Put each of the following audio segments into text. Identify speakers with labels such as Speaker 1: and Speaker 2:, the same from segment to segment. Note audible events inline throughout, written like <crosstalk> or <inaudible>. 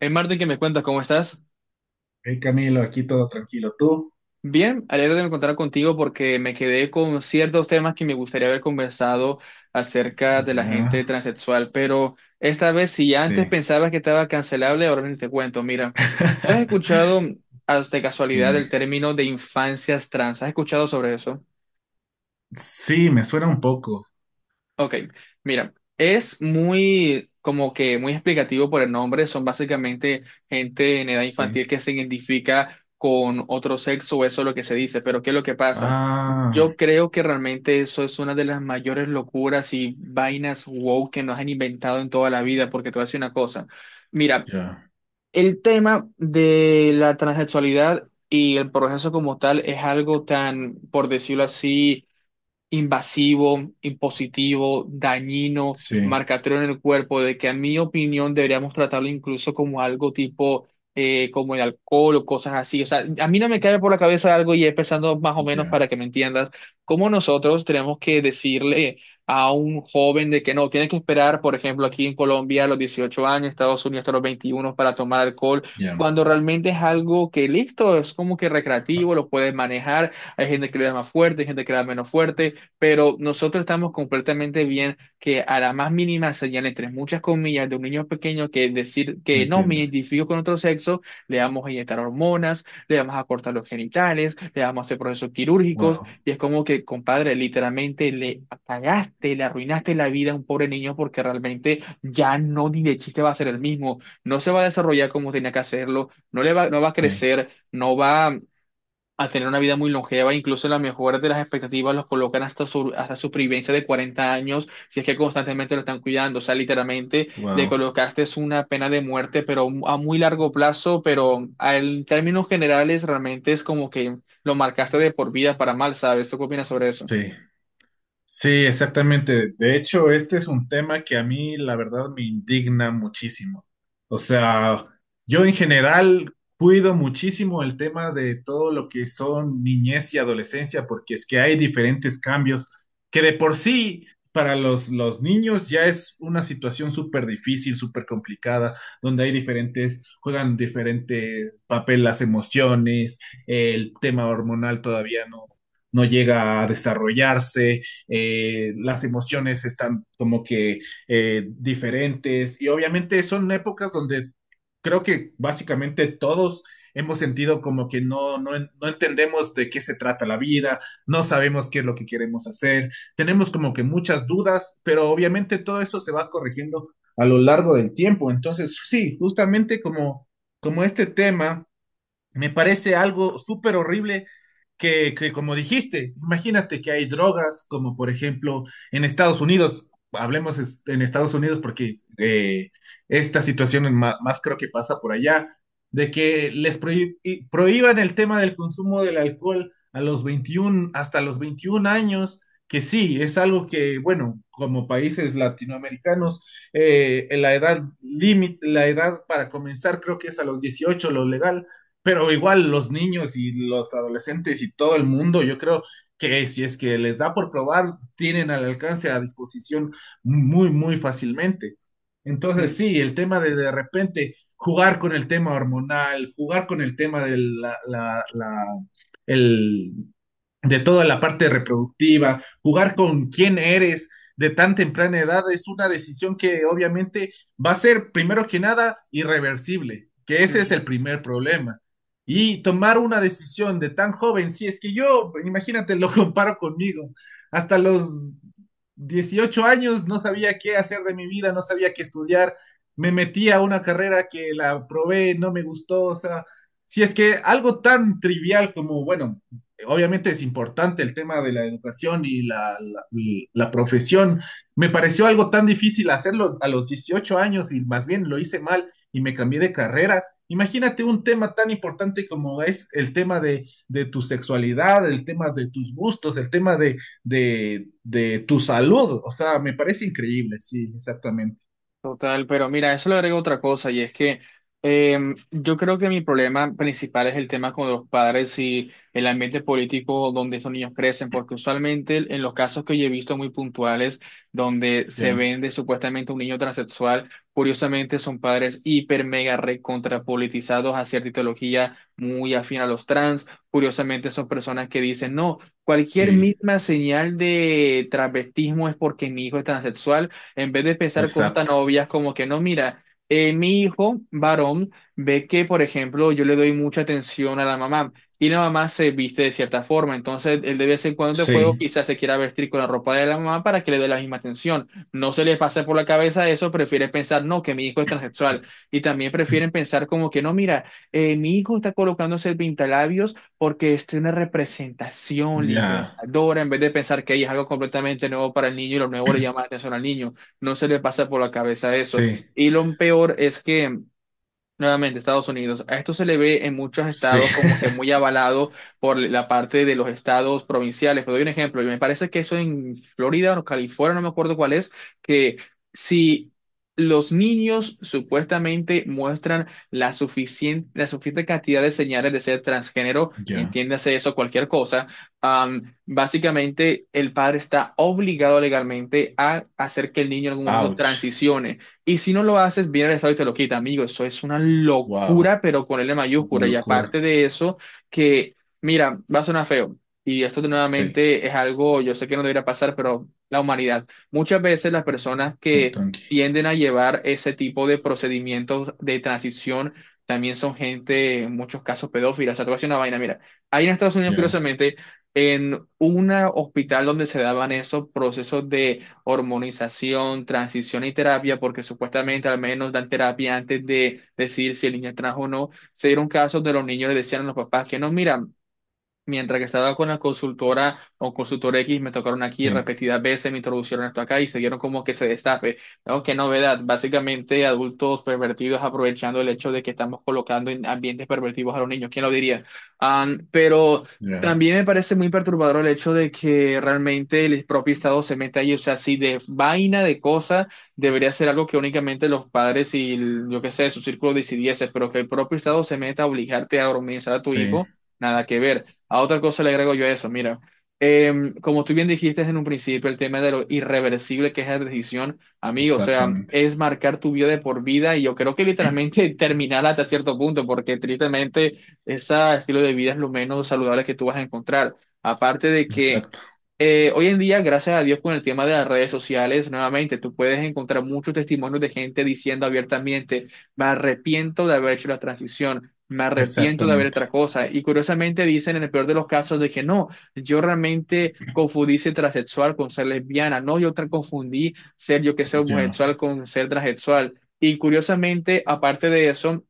Speaker 1: Hey Martín, ¿qué me cuentas? ¿Cómo estás?
Speaker 2: Hey Camilo, aquí todo tranquilo. ¿Tú?
Speaker 1: Bien, alegre de encontrar contigo porque me quedé con ciertos temas que me gustaría haber conversado acerca de la gente
Speaker 2: Ya,
Speaker 1: transexual, pero esta vez si
Speaker 2: sí.
Speaker 1: antes pensabas que estaba cancelable, ahora ni te cuento. Mira, ¿tú has escuchado
Speaker 2: <laughs>
Speaker 1: de casualidad el
Speaker 2: Dime.
Speaker 1: término de infancias trans? ¿Has escuchado sobre eso?
Speaker 2: Sí, me suena un poco.
Speaker 1: Ok, mira, es muy como que muy explicativo por el nombre, son básicamente gente en edad infantil
Speaker 2: Sí.
Speaker 1: que se identifica con otro sexo, eso es lo que se dice, pero ¿qué es lo que pasa?
Speaker 2: Ah,
Speaker 1: Yo creo que realmente eso es una de las mayores locuras y vainas wow que nos han inventado en toda la vida, porque te voy a decir una cosa, mira,
Speaker 2: ya.
Speaker 1: el tema de la transexualidad y el proceso como tal es algo tan, por decirlo así, invasivo, impositivo, dañino,
Speaker 2: Sí,
Speaker 1: marcatorio en el cuerpo, de que a mi opinión deberíamos tratarlo incluso como algo tipo, como el alcohol o cosas así. O sea, a mí no me cae por la cabeza algo y es pensando más o menos
Speaker 2: ya,
Speaker 1: para que me entiendas, cómo nosotros tenemos que decirle a un joven de que no, tiene que esperar, por ejemplo, aquí en Colombia a los 18 años, Estados Unidos hasta los 21 para tomar alcohol.
Speaker 2: ya.
Speaker 1: Cuando realmente es algo que listo, es como que recreativo, lo puedes manejar, hay gente que le da más fuerte, hay gente que le da menos fuerte, pero nosotros estamos completamente bien que a la más mínima señal, entre muchas comillas, de un niño pequeño que decir
Speaker 2: Me
Speaker 1: que no me
Speaker 2: entiendo.
Speaker 1: identifico con otro sexo, le vamos a inyectar hormonas, le vamos a cortar los genitales, le vamos a hacer procesos quirúrgicos,
Speaker 2: Wow.
Speaker 1: y es como que, compadre, literalmente le apagaste, le arruinaste la vida a un pobre niño porque realmente ya no ni de chiste va a ser el mismo, no se va a desarrollar como tenía que hacerlo, no le va, no va a
Speaker 2: Sí,
Speaker 1: crecer, no va a tener una vida muy longeva, incluso la mejor de las expectativas los colocan hasta su supervivencia de 40 años, si es que constantemente lo están cuidando, o sea, literalmente le
Speaker 2: wow.
Speaker 1: colocaste es una pena de muerte, pero a muy largo plazo, pero a- en términos generales realmente es como que lo marcaste de por vida para mal, ¿sabes? ¿Tú qué opinas sobre eso?
Speaker 2: Sí. Sí, exactamente. De hecho, este es un tema que a mí, la verdad, me indigna muchísimo. O sea, yo en general cuido muchísimo el tema de todo lo que son niñez y adolescencia, porque es que hay diferentes cambios que de por sí para los niños ya es una situación súper difícil, súper complicada, donde hay diferentes, juegan diferentes papel las emociones, el tema hormonal todavía no llega a desarrollarse, las emociones están como que diferentes, y obviamente son épocas donde creo que básicamente todos hemos sentido como que no entendemos de qué se trata la vida, no sabemos qué es lo que queremos hacer, tenemos como que muchas dudas, pero obviamente todo eso se va corrigiendo a lo largo del tiempo. Entonces, sí, justamente como este tema me parece algo súper horrible que, como dijiste, imagínate que hay drogas, como por ejemplo en Estados Unidos, hablemos en Estados Unidos, porque esta situación más, creo que pasa por allá, de que les prohíban el tema del consumo del alcohol a los 21, hasta los 21 años, que sí, es algo que, bueno, como países latinoamericanos, la edad límite, la edad para comenzar creo que es a los 18, lo legal, pero igual los niños y los adolescentes y todo el mundo, yo creo que si es que les da por probar, tienen al alcance, a disposición, muy, muy fácilmente. Entonces,
Speaker 1: Mm,
Speaker 2: sí, el tema de repente, jugar con el tema hormonal, jugar con el tema de el, de toda la parte reproductiva, jugar con quién eres de tan temprana edad es una decisión que obviamente va a ser, primero que nada, irreversible, que ese es el
Speaker 1: mm.
Speaker 2: primer problema. Y tomar una decisión de tan joven, si es que yo, imagínate, lo <laughs> comparo conmigo, hasta los 18 años no sabía qué hacer de mi vida, no sabía qué estudiar, me metí a una carrera que la probé, no me gustó. O sea, si es que algo tan trivial como, bueno, obviamente es importante el tema de la educación y y la profesión. Me pareció algo tan difícil hacerlo a los 18 años, y más bien lo hice mal y me cambié de carrera. Imagínate un tema tan importante como es el tema de tu sexualidad, el tema de tus gustos, el tema de tu salud. O sea, me parece increíble. Sí, exactamente.
Speaker 1: Total, pero mira, eso le agrego otra cosa y es que yo creo que mi problema principal es el tema con los padres y el ambiente político donde esos niños crecen, porque usualmente en los casos que yo he visto muy puntuales donde se
Speaker 2: Ya.
Speaker 1: vende supuestamente un niño transexual, curiosamente son padres hiper mega recontrapolitizados a cierta ideología muy afín a los trans, curiosamente son personas que dicen, no, cualquier
Speaker 2: Sí,
Speaker 1: misma señal de travestismo es porque mi hijo es transexual, en vez de pensar cosas tan
Speaker 2: exacto.
Speaker 1: obvias como que no, mira, mi hijo varón ve que, por ejemplo, yo le doy mucha atención a la mamá y la mamá se viste de cierta forma, entonces él de vez en cuando de juego
Speaker 2: Sí,
Speaker 1: quizás se quiera vestir con la ropa de la mamá para que le dé la misma atención. No se les pasa por la cabeza eso, prefieren pensar, no, que mi hijo es transexual, y también prefieren pensar como que, no, mira, mi hijo está colocándose el pintalabios porque es una representación
Speaker 2: ya.
Speaker 1: libertadora, en vez de pensar que ahí es algo completamente nuevo para el niño y lo nuevo le llama la atención al niño, no se le pasa por la cabeza eso.
Speaker 2: Sí,
Speaker 1: Y lo peor es que, nuevamente, Estados Unidos. A esto se le ve en muchos
Speaker 2: sí.
Speaker 1: estados como que muy
Speaker 2: <laughs>
Speaker 1: avalado por la parte de los estados provinciales. Pero doy un ejemplo. Y me parece que eso en Florida o California, no me acuerdo cuál es, que si los niños supuestamente muestran la suficiente cantidad de señales de ser transgénero,
Speaker 2: Ya.
Speaker 1: entiéndase eso, cualquier cosa, básicamente el padre está obligado legalmente a hacer que el niño en algún momento
Speaker 2: Ouch.
Speaker 1: transicione. Y si no lo haces, viene el Estado y te lo quita, amigo. Eso es una
Speaker 2: Wow,
Speaker 1: locura, pero con L
Speaker 2: una
Speaker 1: mayúscula. Y
Speaker 2: locura.
Speaker 1: aparte de eso, que, mira, va a sonar feo. Y esto de
Speaker 2: Sí,
Speaker 1: nuevamente es algo, yo sé que no debería pasar, pero la humanidad. Muchas veces las personas
Speaker 2: no,
Speaker 1: que
Speaker 2: tranqui.
Speaker 1: tienden a llevar ese tipo de procedimientos de transición también son gente, en muchos casos, pedófilas. O sea, te voy a decir una vaina, mira. Ahí en Estados Unidos,
Speaker 2: Ya,
Speaker 1: curiosamente, en un hospital donde se daban esos procesos de hormonización, transición y terapia, porque supuestamente al menos dan terapia antes de decidir si el niño es trans o no. Se dieron casos de los niños le decían a los papás que no, mira, mientras que estaba con la consultora o consultor X, me tocaron aquí
Speaker 2: sí,
Speaker 1: repetidas veces, me introducieron esto acá y siguieron como que se destape. ¿No? Qué novedad. Básicamente, adultos pervertidos aprovechando el hecho de que estamos colocando en ambientes pervertidos a los niños. ¿Quién lo diría? Pero
Speaker 2: ya,
Speaker 1: también me parece muy perturbador el hecho de que realmente el propio Estado se meta ahí. O sea, si de vaina de cosas debería ser algo que únicamente los padres y el- yo qué sé, su círculo decidiese, pero que el propio Estado se meta a obligarte a organizar a tu
Speaker 2: sí,
Speaker 1: hijo. Nada que ver. A otra cosa le agrego yo eso, mira, como tú bien dijiste en un principio, el tema de lo irreversible que es la decisión, amigo, o sea,
Speaker 2: exactamente,
Speaker 1: es marcar tu vida de por vida y yo creo que literalmente <laughs> terminar hasta cierto punto, porque tristemente ese estilo de vida es lo menos saludable que tú vas a encontrar. Aparte de que
Speaker 2: exacto,
Speaker 1: hoy en día, gracias a Dios, con el tema de las redes sociales, nuevamente, tú puedes encontrar muchos testimonios de gente diciendo abiertamente, me arrepiento de haber hecho la transición, me arrepiento de haber
Speaker 2: exactamente,
Speaker 1: otra cosa. Y curiosamente dicen en el peor de los casos de que no, yo realmente confundí ser transexual con ser lesbiana, no, yo confundí ser yo que sé
Speaker 2: ya,
Speaker 1: homosexual con ser transexual. Y curiosamente, aparte de eso,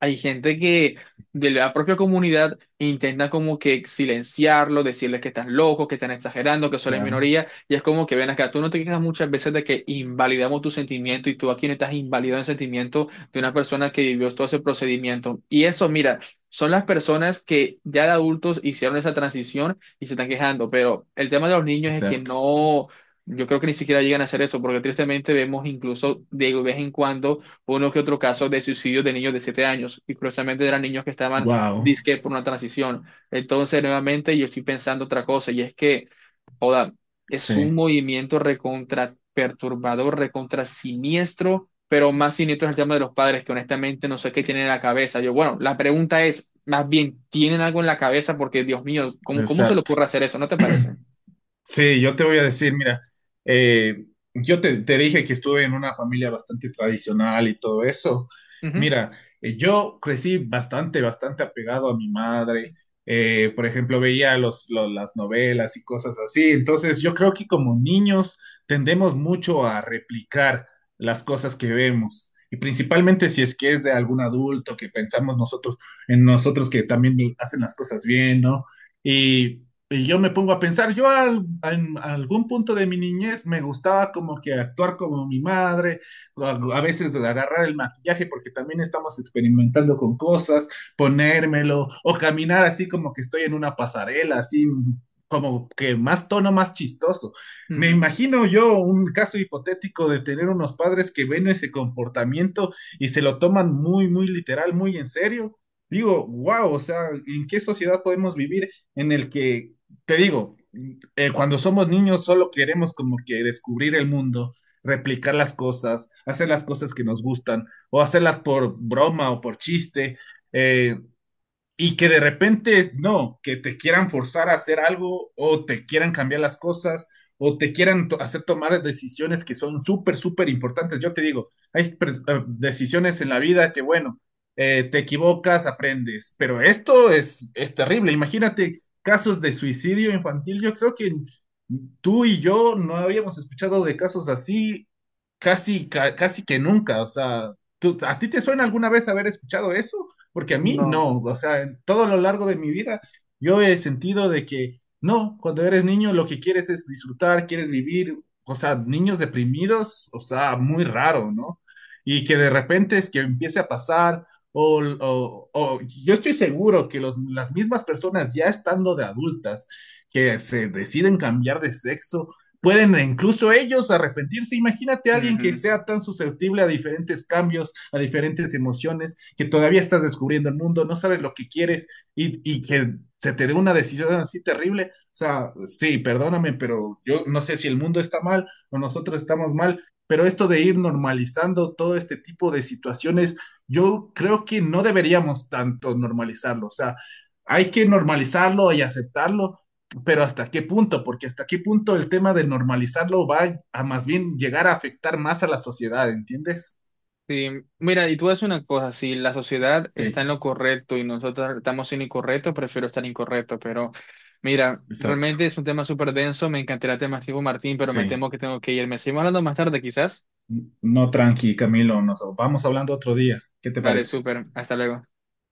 Speaker 1: hay gente que de la propia comunidad intenta como que silenciarlo, decirles que estás loco, que están exagerando, que solo hay
Speaker 2: claro,
Speaker 1: minoría, y es como que ven acá, tú no te quejas muchas veces de que invalidamos tu sentimiento y tú aquí no estás invalidando el sentimiento de una persona que vivió todo ese procedimiento. Y eso, mira, son las personas que ya de adultos hicieron esa transición y se están quejando, pero el tema de los niños es que
Speaker 2: exacto.
Speaker 1: no, yo creo que ni siquiera llegan a hacer eso, porque tristemente vemos incluso de vez en cuando uno que otro caso de suicidio de niños de 7 años, y curiosamente eran niños que estaban
Speaker 2: Wow,
Speaker 1: disque por una transición. Entonces, nuevamente, yo estoy pensando otra cosa, y es que, joda, es un
Speaker 2: sí,
Speaker 1: movimiento recontra perturbador, recontra siniestro, pero más siniestro es el tema de los padres, que honestamente no sé qué tienen en la cabeza. Yo, bueno, la pregunta es, más bien, ¿tienen algo en la cabeza? Porque, Dios mío, ¿cómo, cómo se le
Speaker 2: exacto.
Speaker 1: ocurre hacer eso? ¿No te parece?
Speaker 2: <clears throat> Sí, yo te voy a decir, mira, eh, yo te dije que estuve en una familia bastante tradicional y todo eso.
Speaker 1: Ujú,
Speaker 2: Mira, yo crecí bastante, bastante apegado a mi madre. Por ejemplo, veía las novelas y cosas así. Entonces, yo creo que como niños tendemos mucho a replicar las cosas que vemos. Y principalmente si es que es de algún adulto que pensamos nosotros, en nosotros que también hacen las cosas bien, ¿no? Y y yo me pongo a pensar, en algún punto de mi niñez me gustaba como que actuar como mi madre, a veces agarrar el maquillaje porque también estamos experimentando con cosas, ponérmelo o caminar así como que estoy en una pasarela, así como que más tono, más chistoso. Me
Speaker 1: ujú.
Speaker 2: imagino yo un caso hipotético de tener unos padres que ven ese comportamiento y se lo toman muy, muy literal, muy en serio. Digo, wow, o sea, ¿en qué sociedad podemos vivir en el que te digo, cuando somos niños solo queremos como que descubrir el mundo, replicar las cosas, hacer las cosas que nos gustan, o hacerlas por broma o por chiste? Eh, y que de repente no, que te quieran forzar a hacer algo, o te quieran cambiar las cosas, o te quieran to hacer tomar decisiones que son súper, súper importantes. Yo te digo, hay decisiones en la vida que, bueno, te equivocas, aprendes, pero esto es terrible. Imagínate casos de suicidio infantil. Yo creo que tú y yo no habíamos escuchado de casos así casi que nunca. O sea, ¿a ti te suena alguna vez haber escuchado eso? Porque a mí
Speaker 1: No.
Speaker 2: no. O sea, en todo lo largo de mi vida yo he sentido de que no, cuando eres niño lo que quieres es disfrutar, quieres vivir. O sea, niños deprimidos, o sea, muy raro, ¿no? Y que de repente es que empiece a pasar, o, o- o- yo estoy seguro que las mismas personas, ya estando de adultas, que se deciden cambiar de sexo, pueden incluso ellos arrepentirse. Imagínate a alguien que
Speaker 1: Ujú.
Speaker 2: sea tan susceptible a diferentes cambios, a diferentes emociones, que todavía estás descubriendo el mundo, no sabes lo que quieres, y que se te dé una decisión así terrible. O sea, sí, perdóname, pero yo no sé si el mundo está mal o nosotros estamos mal, pero esto de ir normalizando todo este tipo de situaciones, yo creo que no deberíamos tanto normalizarlo. O sea, hay que normalizarlo y aceptarlo, pero ¿hasta qué punto? Porque ¿hasta qué punto el tema de normalizarlo va a, más bien, llegar a afectar más a la sociedad, ¿entiendes?
Speaker 1: Sí, mira, y tú haces una cosa, si la sociedad está
Speaker 2: Sí,
Speaker 1: en lo correcto y nosotros estamos en lo incorrecto, prefiero estar incorrecto, pero mira,
Speaker 2: exacto.
Speaker 1: realmente es un tema súper denso, me encantaría el tema, Martín, pero me
Speaker 2: Sí.
Speaker 1: temo que tengo que ir. Me seguimos hablando más tarde, quizás.
Speaker 2: No, tranqui, Camilo, nos vamos hablando otro día. ¿Qué te
Speaker 1: Dale,
Speaker 2: parece?
Speaker 1: súper, hasta luego.